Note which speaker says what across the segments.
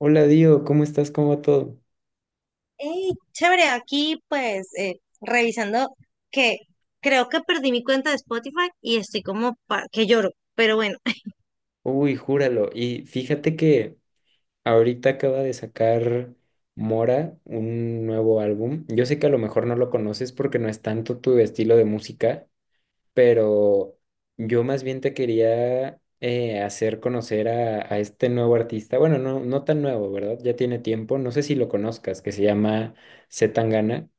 Speaker 1: Hola Dio, ¿cómo estás? ¿Cómo va todo?
Speaker 2: Hey, chévere, aquí pues revisando que creo que perdí mi cuenta de Spotify y estoy como que lloro, pero bueno.
Speaker 1: Uy, júralo. Y fíjate que ahorita acaba de sacar Mora un nuevo álbum. Yo sé que a lo mejor no lo conoces porque no es tanto tu estilo de música, pero yo más bien te quería hacer conocer a este nuevo artista. Bueno, no, no tan nuevo, ¿verdad? Ya tiene tiempo. No sé si lo conozcas, que se llama C. Tangana.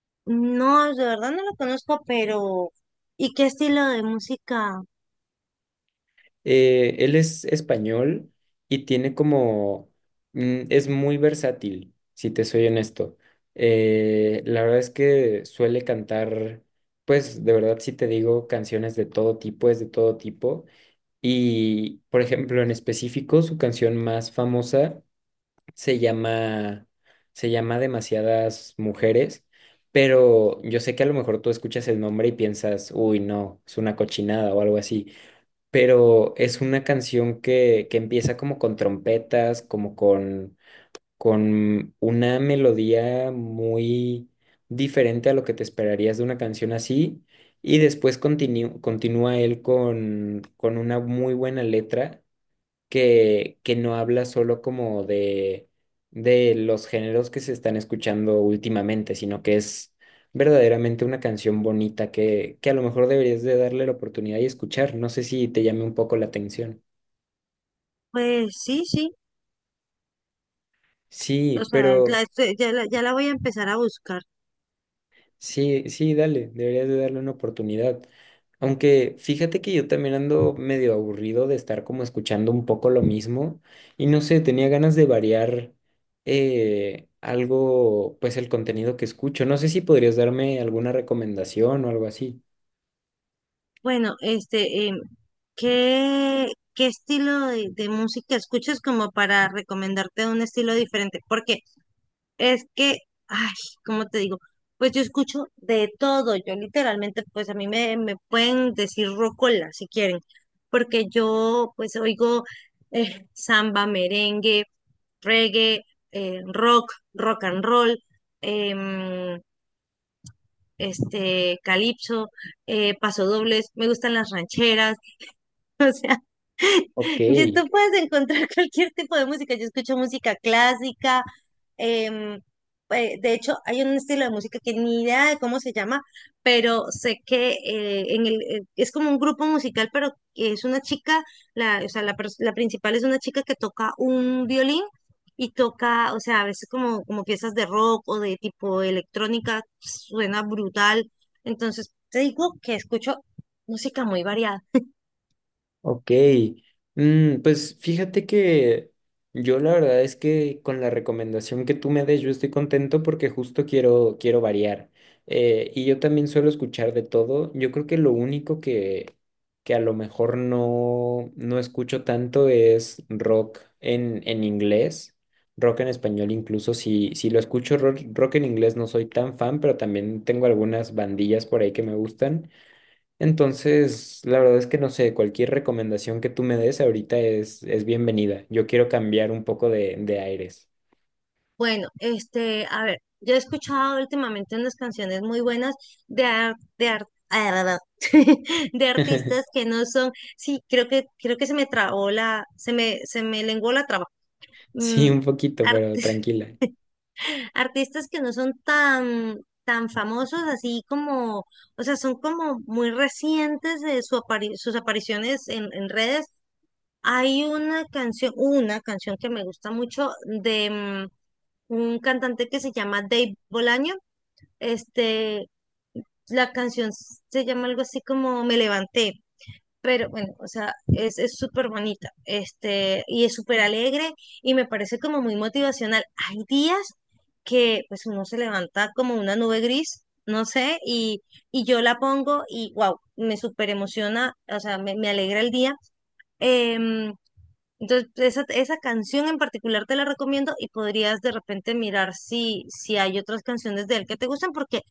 Speaker 2: No, de verdad no lo conozco, pero ¿y qué estilo de música?
Speaker 1: Él es español y tiene como, mm, es muy versátil, si te soy honesto. La verdad es que suele cantar, pues de verdad si te digo, canciones de todo tipo, es de todo tipo. Y, por ejemplo, en específico, su canción más famosa se llama, se llama Demasiadas Mujeres, pero yo sé que a lo mejor tú escuchas el nombre y piensas, uy, no, es una cochinada o algo así, pero es una canción que empieza como con trompetas, como con una melodía muy diferente a lo que te esperarías de una canción así, y después continúa él con una muy buena letra que no habla solo como de los géneros que se están escuchando últimamente, sino que es verdaderamente una canción bonita que a lo mejor deberías de darle la oportunidad y escuchar. No sé si te llame un poco la atención.
Speaker 2: Pues sí, sí, o
Speaker 1: Sí,
Speaker 2: sea,
Speaker 1: pero...
Speaker 2: ya, ya la voy a empezar a buscar.
Speaker 1: Sí, sí, dale, deberías de darle una oportunidad. Aunque fíjate que yo también ando medio aburrido de estar como escuchando un poco lo mismo y no sé, tenía ganas de variar algo, pues el contenido que escucho. No sé si podrías darme alguna recomendación o algo así.
Speaker 2: Bueno, este, ¿qué, qué estilo de música escuchas como para recomendarte un estilo diferente? Porque es que, ay, ¿cómo te digo? Pues yo escucho de todo. Yo literalmente, pues a mí me pueden decir rocola si quieren, porque yo pues oigo samba, merengue, reggae, rock, rock and roll, em, este, calipso, pasodobles, me gustan las rancheras.
Speaker 1: Ok.
Speaker 2: En YouTube puedes encontrar cualquier tipo de música. Yo escucho música clásica. em, de hecho, hay un estilo de música que ni idea de cómo se llama, pero sé que en es como un grupo musical, pero es una chica, o sea, la principal es una chica que toca un violín y toca, o sea, a veces como, como piezas de rock o de tipo electrónica, suena brutal. Entonces, te digo que escucho música muy variada.
Speaker 1: Ok, mm, pues fíjate que yo la verdad es que con la recomendación que tú me des yo estoy contento porque justo quiero, quiero variar. Y yo también suelo escuchar de todo. Yo creo que lo único que a lo mejor no, no escucho tanto es rock en inglés, rock en español incluso. Si, si lo escucho rock, rock en inglés no soy tan fan, pero también tengo algunas bandillas por ahí que me gustan. Entonces, la verdad es que no sé, cualquier recomendación que tú me des ahorita es bienvenida. Yo quiero cambiar un poco de aires.
Speaker 2: Bueno, este, a ver, yo he escuchado últimamente unas canciones muy buenas de ar- de ar- de artistas que no son, sí, creo que se me trabó se me lenguó la traba.
Speaker 1: Sí,
Speaker 2: Mm,
Speaker 1: un poquito, pero
Speaker 2: artis-
Speaker 1: tranquila.
Speaker 2: artistas que no son tan tan famosos así como, o sea, son como muy recientes de su sus apariciones en redes. Hay una canción que me gusta mucho un cantante que se llama Dave Bolaño. Este, la canción se llama algo así como Me Levanté, pero bueno, o sea, es súper bonita, este, y es súper alegre y me parece como muy motivacional. Hay días que pues uno se levanta como una nube gris, no sé, y yo la pongo y wow, me súper emociona, o sea, me alegra el día. Em, entonces, esa canción en particular te la recomiendo y podrías de repente mirar si, si hay otras canciones de él que te gustan, porque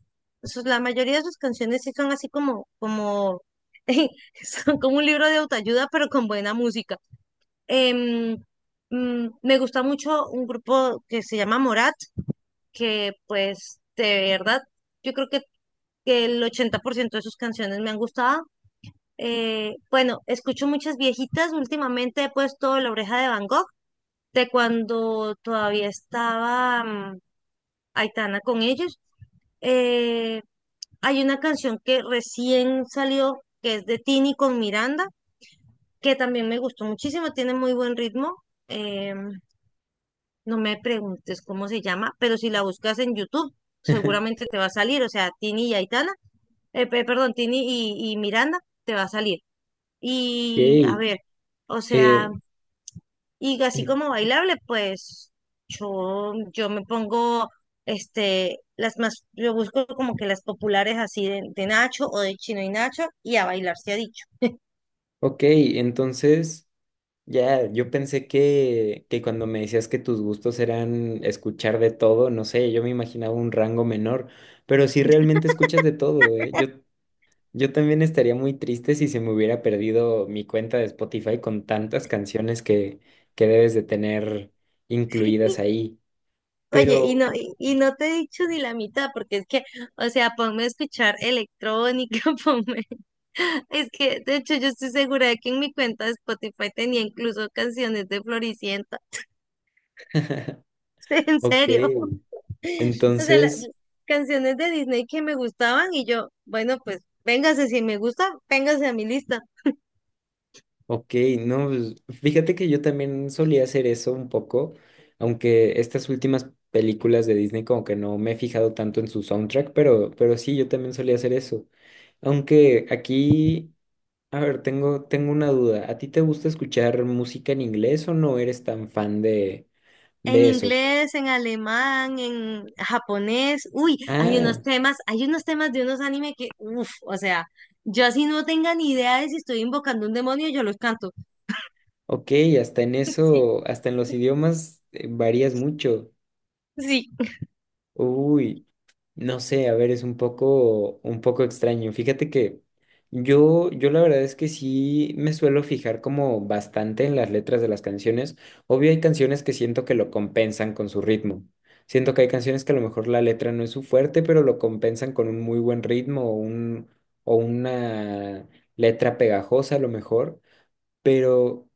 Speaker 2: la mayoría de sus canciones sí son así como, como, son como un libro de autoayuda, pero con buena música. Em, Me gusta mucho un grupo que se llama Morat, que pues de verdad, yo creo que el 80% de sus canciones me han gustado. Bueno, escucho muchas viejitas. Últimamente he puesto La Oreja de Van Gogh de cuando todavía estaba Aitana con ellos. Eh, Hay una canción que recién salió, que es de Tini con Miranda, que también me gustó muchísimo, tiene muy buen ritmo. Eh, no me preguntes cómo se llama, pero si la buscas en YouTube, seguramente te va a salir. O sea, Tini y Aitana, perdón, Tini y Miranda, te va a salir. Y a
Speaker 1: Ok,
Speaker 2: ver, o sea,
Speaker 1: eh,
Speaker 2: y así
Speaker 1: en-
Speaker 2: como bailable, pues yo me pongo este, yo busco como que las populares así de Nacho o de Chino y Nacho y a bailar se ha dicho.
Speaker 1: ok, entonces ya, yo pensé que cuando me decías que tus gustos eran escuchar de todo, no sé, yo me imaginaba un rango menor, pero sí realmente escuchas de todo, ¿eh? Yo también estaría muy triste si se me hubiera perdido mi cuenta de Spotify con tantas canciones que debes de tener
Speaker 2: Y-
Speaker 1: incluidas ahí.
Speaker 2: Oye,
Speaker 1: Pero,
Speaker 2: y no te he dicho ni la mitad, porque es que, o sea, ponme a escuchar electrónica, ponme. Es que, de hecho, yo estoy segura de que en mi cuenta de Spotify tenía incluso canciones de Floricienta. En
Speaker 1: ok,
Speaker 2: serio. O sea, las
Speaker 1: entonces,
Speaker 2: canciones de Disney que me gustaban y yo, bueno, pues véngase, si me gusta, véngase a mi lista.
Speaker 1: ok, no, pues, fíjate que yo también solía hacer eso un poco, aunque estas últimas películas de Disney como que no me he fijado tanto en su soundtrack, pero sí, yo también solía hacer eso. Aunque aquí... A ver, tengo una duda. ¿A ti te gusta escuchar música en inglés o no eres tan fan
Speaker 2: En
Speaker 1: de eso?
Speaker 2: inglés, en alemán, en japonés. Uy,
Speaker 1: Ah,
Speaker 2: hay unos temas de unos anime que, uff, o sea, yo así no tenga ni idea de si estoy invocando un demonio, yo los canto.
Speaker 1: ok, hasta en
Speaker 2: Sí,
Speaker 1: eso, hasta en los idiomas varías mucho.
Speaker 2: sí.
Speaker 1: Uy, no sé, a ver, es un poco extraño. Fíjate que yo la verdad es que sí me suelo fijar como bastante en las letras de las canciones. Obvio hay canciones que siento que lo compensan con su ritmo. Siento que hay canciones que a lo mejor la letra no es su fuerte, pero lo compensan con un muy buen ritmo o un, o una letra pegajosa a lo mejor. Pero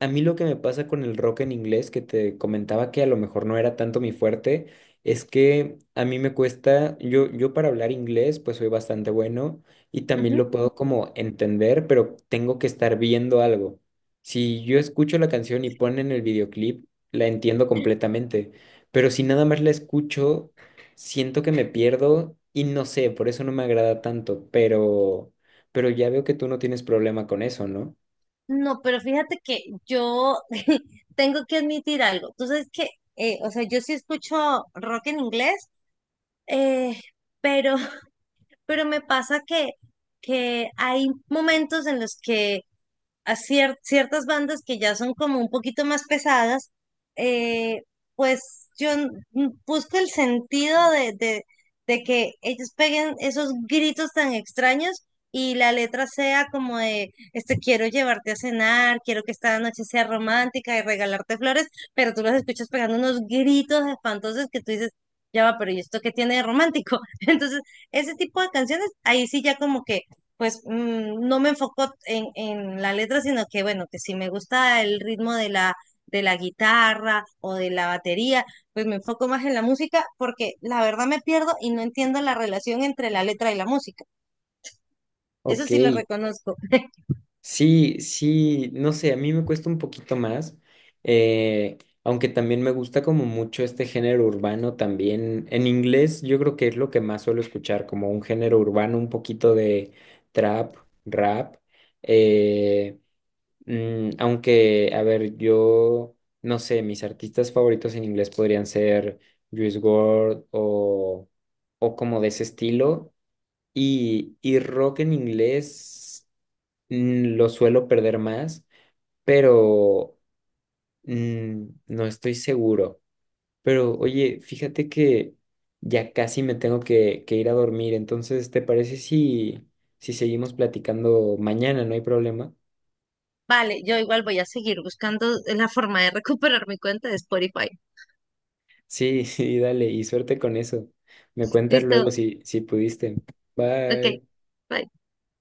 Speaker 1: a mí lo que me pasa con el rock en inglés, que te comentaba que a lo mejor no era tanto mi fuerte, es que a mí me cuesta, yo para hablar inglés pues soy bastante bueno y también lo puedo como entender, pero tengo que estar viendo algo. Si yo escucho la canción y ponen el videoclip, la entiendo completamente, pero si nada más la escucho, siento que me pierdo y no sé, por eso no me agrada tanto, pero ya veo que tú no tienes problema con eso, ¿no?
Speaker 2: No, pero fíjate que yo tengo que admitir algo. Tú sabes que, o sea, yo sí escucho rock en inglés, eh, pero, pero me pasa que hay momentos en los que a ciertas bandas que ya son como un poquito más pesadas, eh, pues yo busco el sentido de, de que ellos peguen esos gritos tan extraños y la letra sea como de, este, quiero llevarte a cenar, quiero que esta noche sea romántica y regalarte flores, pero tú los escuchas pegando unos gritos espantosos que tú dices, ya va, pero ¿y esto qué tiene de romántico? Entonces, ese tipo de canciones, ahí sí ya como que pues no me enfoco en la letra, sino que bueno, que si me gusta el ritmo de la guitarra o de la batería, pues me enfoco más en la música porque la verdad me pierdo y no entiendo la relación entre la letra y la música. Eso
Speaker 1: Ok,
Speaker 2: sí lo reconozco.
Speaker 1: sí, sí, no sé, a mí me cuesta un poquito más, eh, aunque también me gusta como mucho este género urbano también. En inglés yo creo que es lo que más suelo escuchar, como un género urbano, un poquito de trap, rap. eh, mm, aunque, a ver, yo no sé, mis artistas favoritos en inglés podrían ser Juice WRLD o como de ese estilo. Y rock en inglés mm, lo suelo perder más, pero mm, no estoy seguro. Pero oye, fíjate que ya casi me tengo que ir a dormir, entonces, ¿te parece si, si seguimos platicando mañana? No hay problema.
Speaker 2: Vale, yo igual voy a seguir buscando la forma de recuperar mi cuenta de Spotify.
Speaker 1: Sí, sí, dale, y suerte con eso. Me cuentas
Speaker 2: Listo,
Speaker 1: luego si, si pudiste.
Speaker 2: ok.
Speaker 1: Bye.
Speaker 2: Bye.